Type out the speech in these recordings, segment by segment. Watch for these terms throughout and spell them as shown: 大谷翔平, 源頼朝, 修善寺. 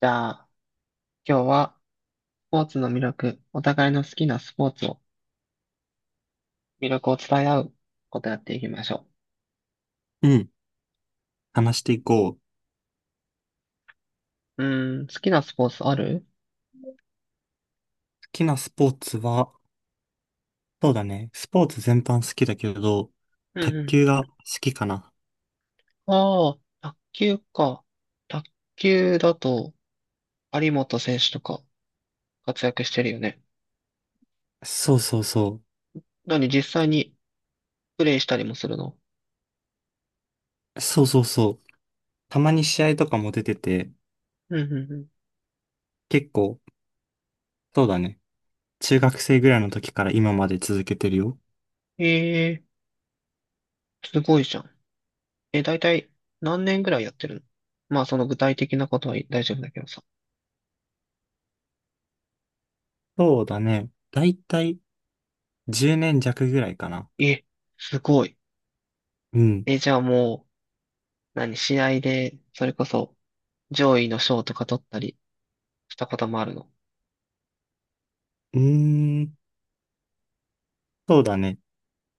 じゃあ、今日はスポーツの魅力、お互いの好きなスポーツを、魅力を伝え合うことやっていきましょうん。話していこう。好う。うーん、好きなスポーツある？きなスポーツは、そうだね。スポーツ全般好きだけど、うん卓うん。球が好きかな。ああ、卓球か。卓球だと、有本選手とか活躍してるよね。そうそうそ何、実際にプレイしたりもするの？う。そうそうそう。たまに試合とかも出てて、うんうんうん。結構、そうだね。中学生ぐらいの時から今まで続けてるよ。ええ、すごいじゃん。え、だいたい何年ぐらいやってるの？まあ、その具体的なことは大丈夫だけどさ。そうだね。だいたい10年弱ぐらいかな。え、すごい。うん。え、じゃあもう、何、試合で、それこそ、上位の賞とか取ったりしたこともあるの？うーん。そうだね。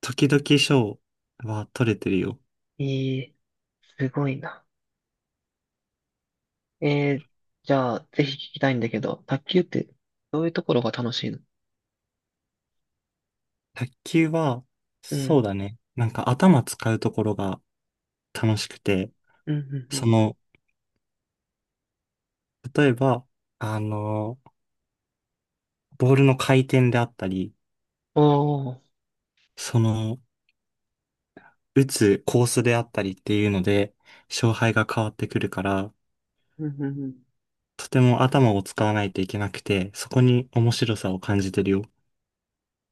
時々賞は取れてるよ。ええ、すごいな。ええ、じゃあ、ぜひ聞きたいんだけど、卓球って、どういうところが楽しいの？卓球は、うそん、うだね。なんか頭使うところが楽しくて、うん、うん、うそん。の、例えば、あの、ボールの回転であったり、おー、その、打つコースであったりっていうので、勝敗が変わってくるから、うん、うん、うん。とても頭を使わないといけなくて、そこに面白さを感じてるよ。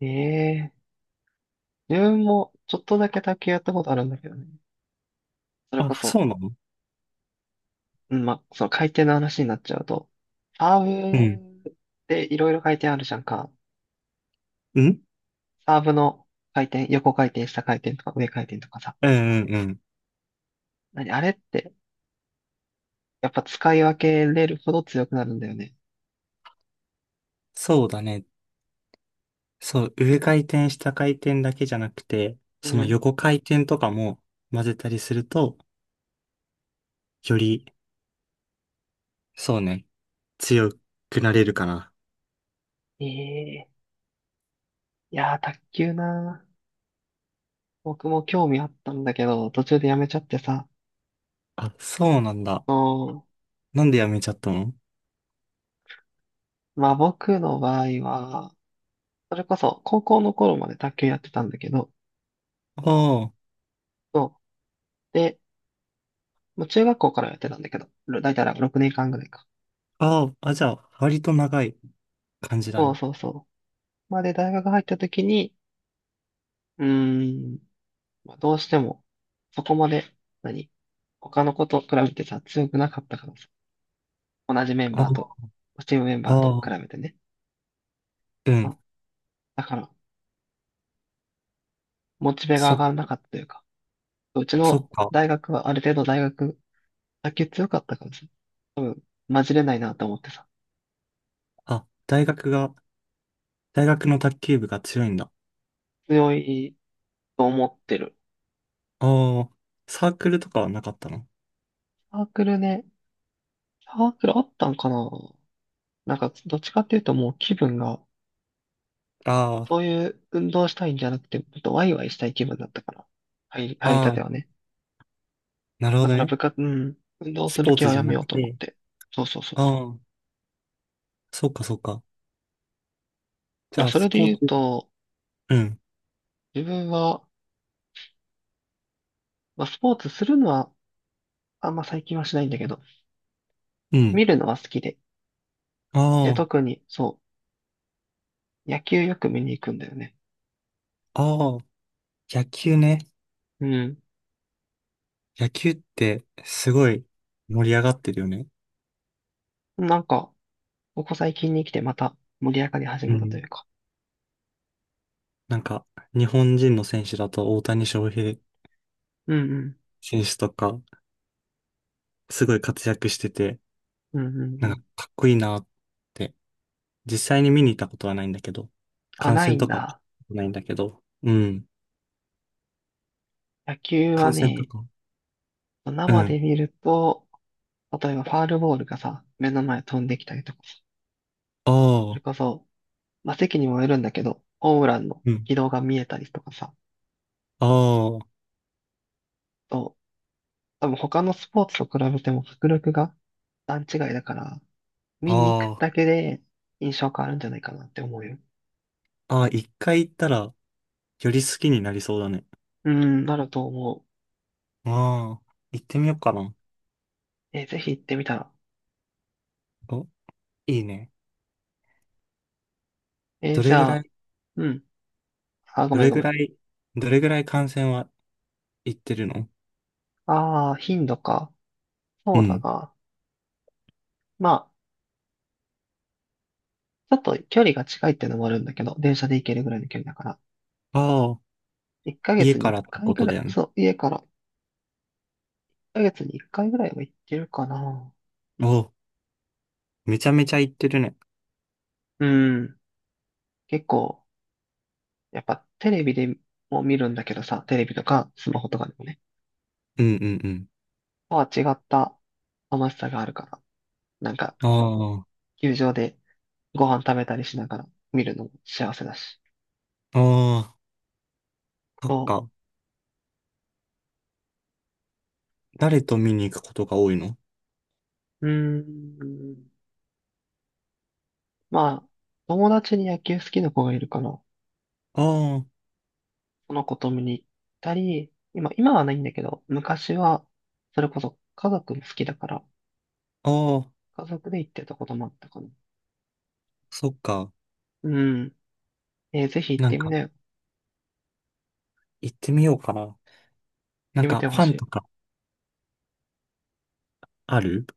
ええ、自分も、ちょっとだけ卓球やったことあるんだけどね。それあ、こそそ、うなの？うん、ま、その回転の話になっちゃうと、サうん。ーブでいろいろ回転あるじゃんか。うんサーブの回転、横回転、下回転とか上回転とかさ。うんうんうん。何、あれって、やっぱ使い分けれるほど強くなるんだよね。そうだね。そう、上回転、下回転だけじゃなくて、うそのん。横回転とかも混ぜたりすると、より、そうね、強くなれるかな。ええ、いやー、卓球なー。僕も興味あったんだけど、途中でやめちゃってさ。あ、そうなんだ。そなんでやめちゃったの？う。まあ僕の場合は、それこそ高校の頃まで卓球やってたんだけど、あそう。で、もう中学校からやってたんだけど、だいたい6年間ぐらいか。あ、ああ、あ、じゃあ、割と長い感じだそうね。そうそう。まあで、大学入った時に、うーん、まあ、どうしても、そこまで、何他の子と比べてさ、強くなかったからさ同じメンあバーと、あ、チームメンあバーと比あ、べてね。うそん。うだから、モチベが上がそ、らなかったというか、うちそっのか。大学はある程度大学、卓球強かったからさ、多分、混じれないなと思ってさ、あ、大学が、大学の卓球部が強いんだ。強いと思ってる。ああ、サークルとかはなかったの？サークルね、サークルあったんかな？なんか、どっちかっていうともう気分が、あそういう運動したいんじゃなくて、もっとワイワイしたい気分だったから、入り、あ、入りあたてあ、はね。なるほだかどらね。部活、うん、運動スするポー気ツはじやゃめなようくと思って、て。そうそうそうあそう。あ、そっかそっか。じだからゃあ、そスれでポ言うーツ、と、うん、自分は、まあ、スポーツするのは、あんま最近はしないんだけど、うん。見るのは好きで。で、あ特に、そう、野球よく見に行くんだよね。あ、ああ、野球ね。うん。野球ってすごい盛り上がってるよね。なんか、ここ最近に来てまた盛り上がり始うめたといん。うか。なんか、日本人の選手だと大谷翔平うん選手とか、すごい活躍してて、うん。うんうんうなんかん。かっこいいなって、実際に見に行ったことはないんだけど、あ、観な戦いんとかはだ。ないんだけど、うん。野球は観戦とね、か。う生でん。見ると、例えばファールボールがさ、目の前飛んできたりとかさ、そあれあ、こそ、まあ、席にもよるんだけど、ホームランのうん。軌道が見えたりとかさ、あと多分他のスポーツと比べても迫力が段違いだから、あ、見に行くだあけで印象変わるんじゃないかなって思うよ。あ、ああ、一回行ったら、より好きになりそうだね。うん、なると思ああ、行ってみようかな。う。ぜひ行ってみたら。お、いいね。どじれぐゃらい、あ、うん。あ、ごどめんれごぐめらん。い、どれぐらい観戦は行ってるの？ああ、頻度か。うそうだん。な。まあ、ちょっと距離が近いってのもあるんだけど、電車で行けるぐらいの距離だから。ああ。1ヶ家月にか1らって回こぐとらだい、よね。そう、家から1ヶ月に1回ぐらいは行ってるかな。お、めちゃめちゃ行ってるね。うん。結構、やっぱテレビでも見るんだけどさ、テレビとかスマホとかでもね、うんうんうん。とは違った楽しさがあるから。なんか、あ球場でご飯食べたりしながら見るのも幸せだし。あ、ああ、そっそか。誰と見に行くことが多いの？う。うーん。まあ、友達に野球好きな子がいるから、あその子と見に行ったり、今はないんだけど、昔は、それこそ家族も好きだから、あ、ああ、家族で行ってたこともあったかな。そっか。うん。ぜひ行っなんてみか、なよ。行っ行ってみようかな。なんてみか、てフほァしンとい。かある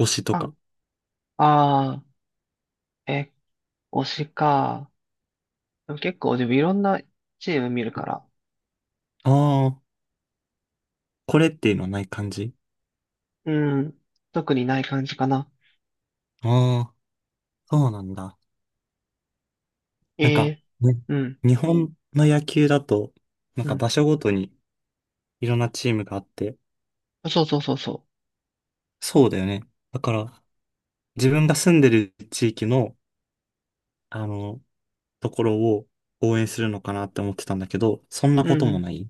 推しとあ、か。あー、え、推しか。でも結構自分いろんなチーム見るから、ああ、これっていうのはない感じ？うん。特にない感じかな。ああ、そうなんだ。えなんか、え、ね、うん、日本の野球だと、なんうかん。場所ごとにいろんなチームがあって、そうそうそうそそうだよね。だから、自分が住んでる地域の、あの、ところを応援するのかなって思ってたんだけど、そんなう。こうとん、うん。もいない？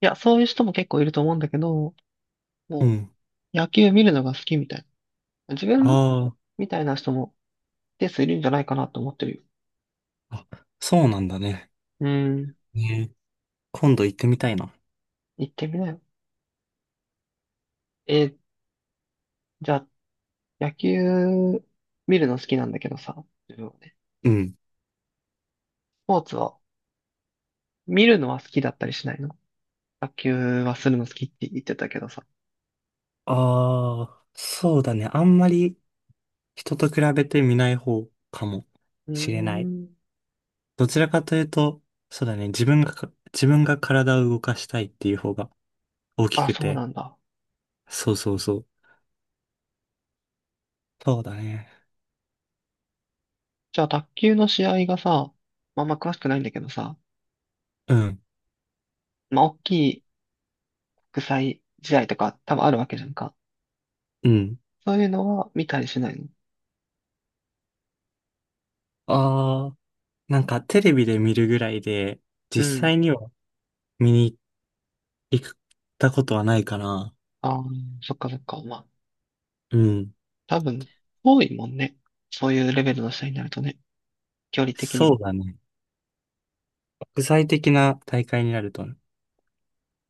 や、そういう人も結構いると思うんだけど、うもうん。野球見るのが好きみたいな。自分あみたいな人も一定数いるんじゃないかなと思ってるよ。あ、あ、そうなんだね。うん、ね、今度行ってみたいな。行ってみなよ。えー、じゃあ、野球見るの好きなんだけどさ、自分はね。うん。スポーツは、見るのは好きだったりしないの？卓球はするの好きって言ってたけどさ。ああ、そうだね。あんまり人と比べてみない方かもうーしれない。ん。どちらかというと、そうだね。自分がか、自分が体を動かしたいっていう方が大きあ、くそうて。なんだ。そうそうそう。そうだね。じゃあ、卓球の試合がさ、まあ、あんま詳しくないんだけどさ、うん。まあ、国際試合とか多分あるわけじゃんか。うん。そういうのは見たりしないの？ああ、なんかテレビで見るぐらいで、う実ん。際には見に行ったことはないかな。ああ、そっかそっか。まあ、うん。多分、多いもんね。そういうレベルの試合になるとね、距離的にそうも。だね。国際的な大会になると、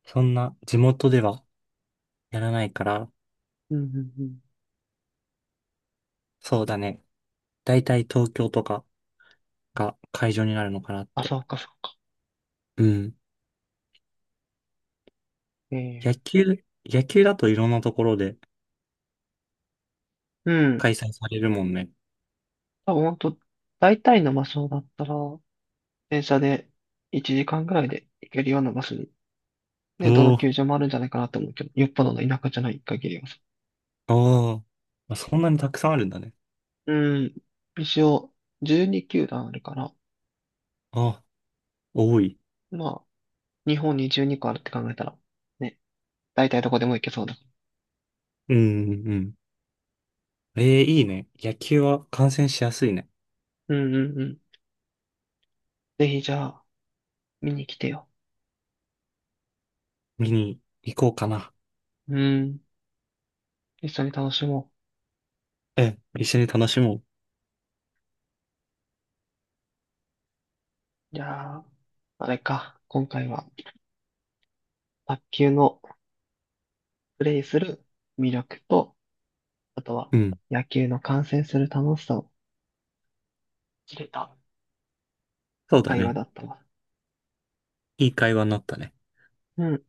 そんな地元ではやらないから、うんうんうん。そうだね。だいたい東京とかが会場になるのかなっあ、て。そうかそうか。うん。野ええ、球、野球だといろんなところでうん。開催されるもんね。多分、ほんと、大体の場所だったら、電車で1時間ぐらいで行けるような場所に、ね、どのおー、球場もあるんじゃないかなと思うけど、よっぽどの田舎じゃない限りはさ。おー。あ、そんなにたくさんあるんだね。うん。一応、12球団あるから、あ、多い。まあ、日本に12個あるって考えたら、ね、大体どこでも行けそうだ。うん、うんうん。えー、いいね。野球は観戦しやすいね。うんうんうん。ぜひじゃあ、見に来てよ。見に行こうかな。うん。一緒に楽しもええ、一緒に楽しもう。う。じゃあ、あれか。今回は、卓球のプレイする魅力と、あとは、うん。野球の観戦する楽しさを知れたそうだ会話ね。だったわ。いい会話になったね。うん。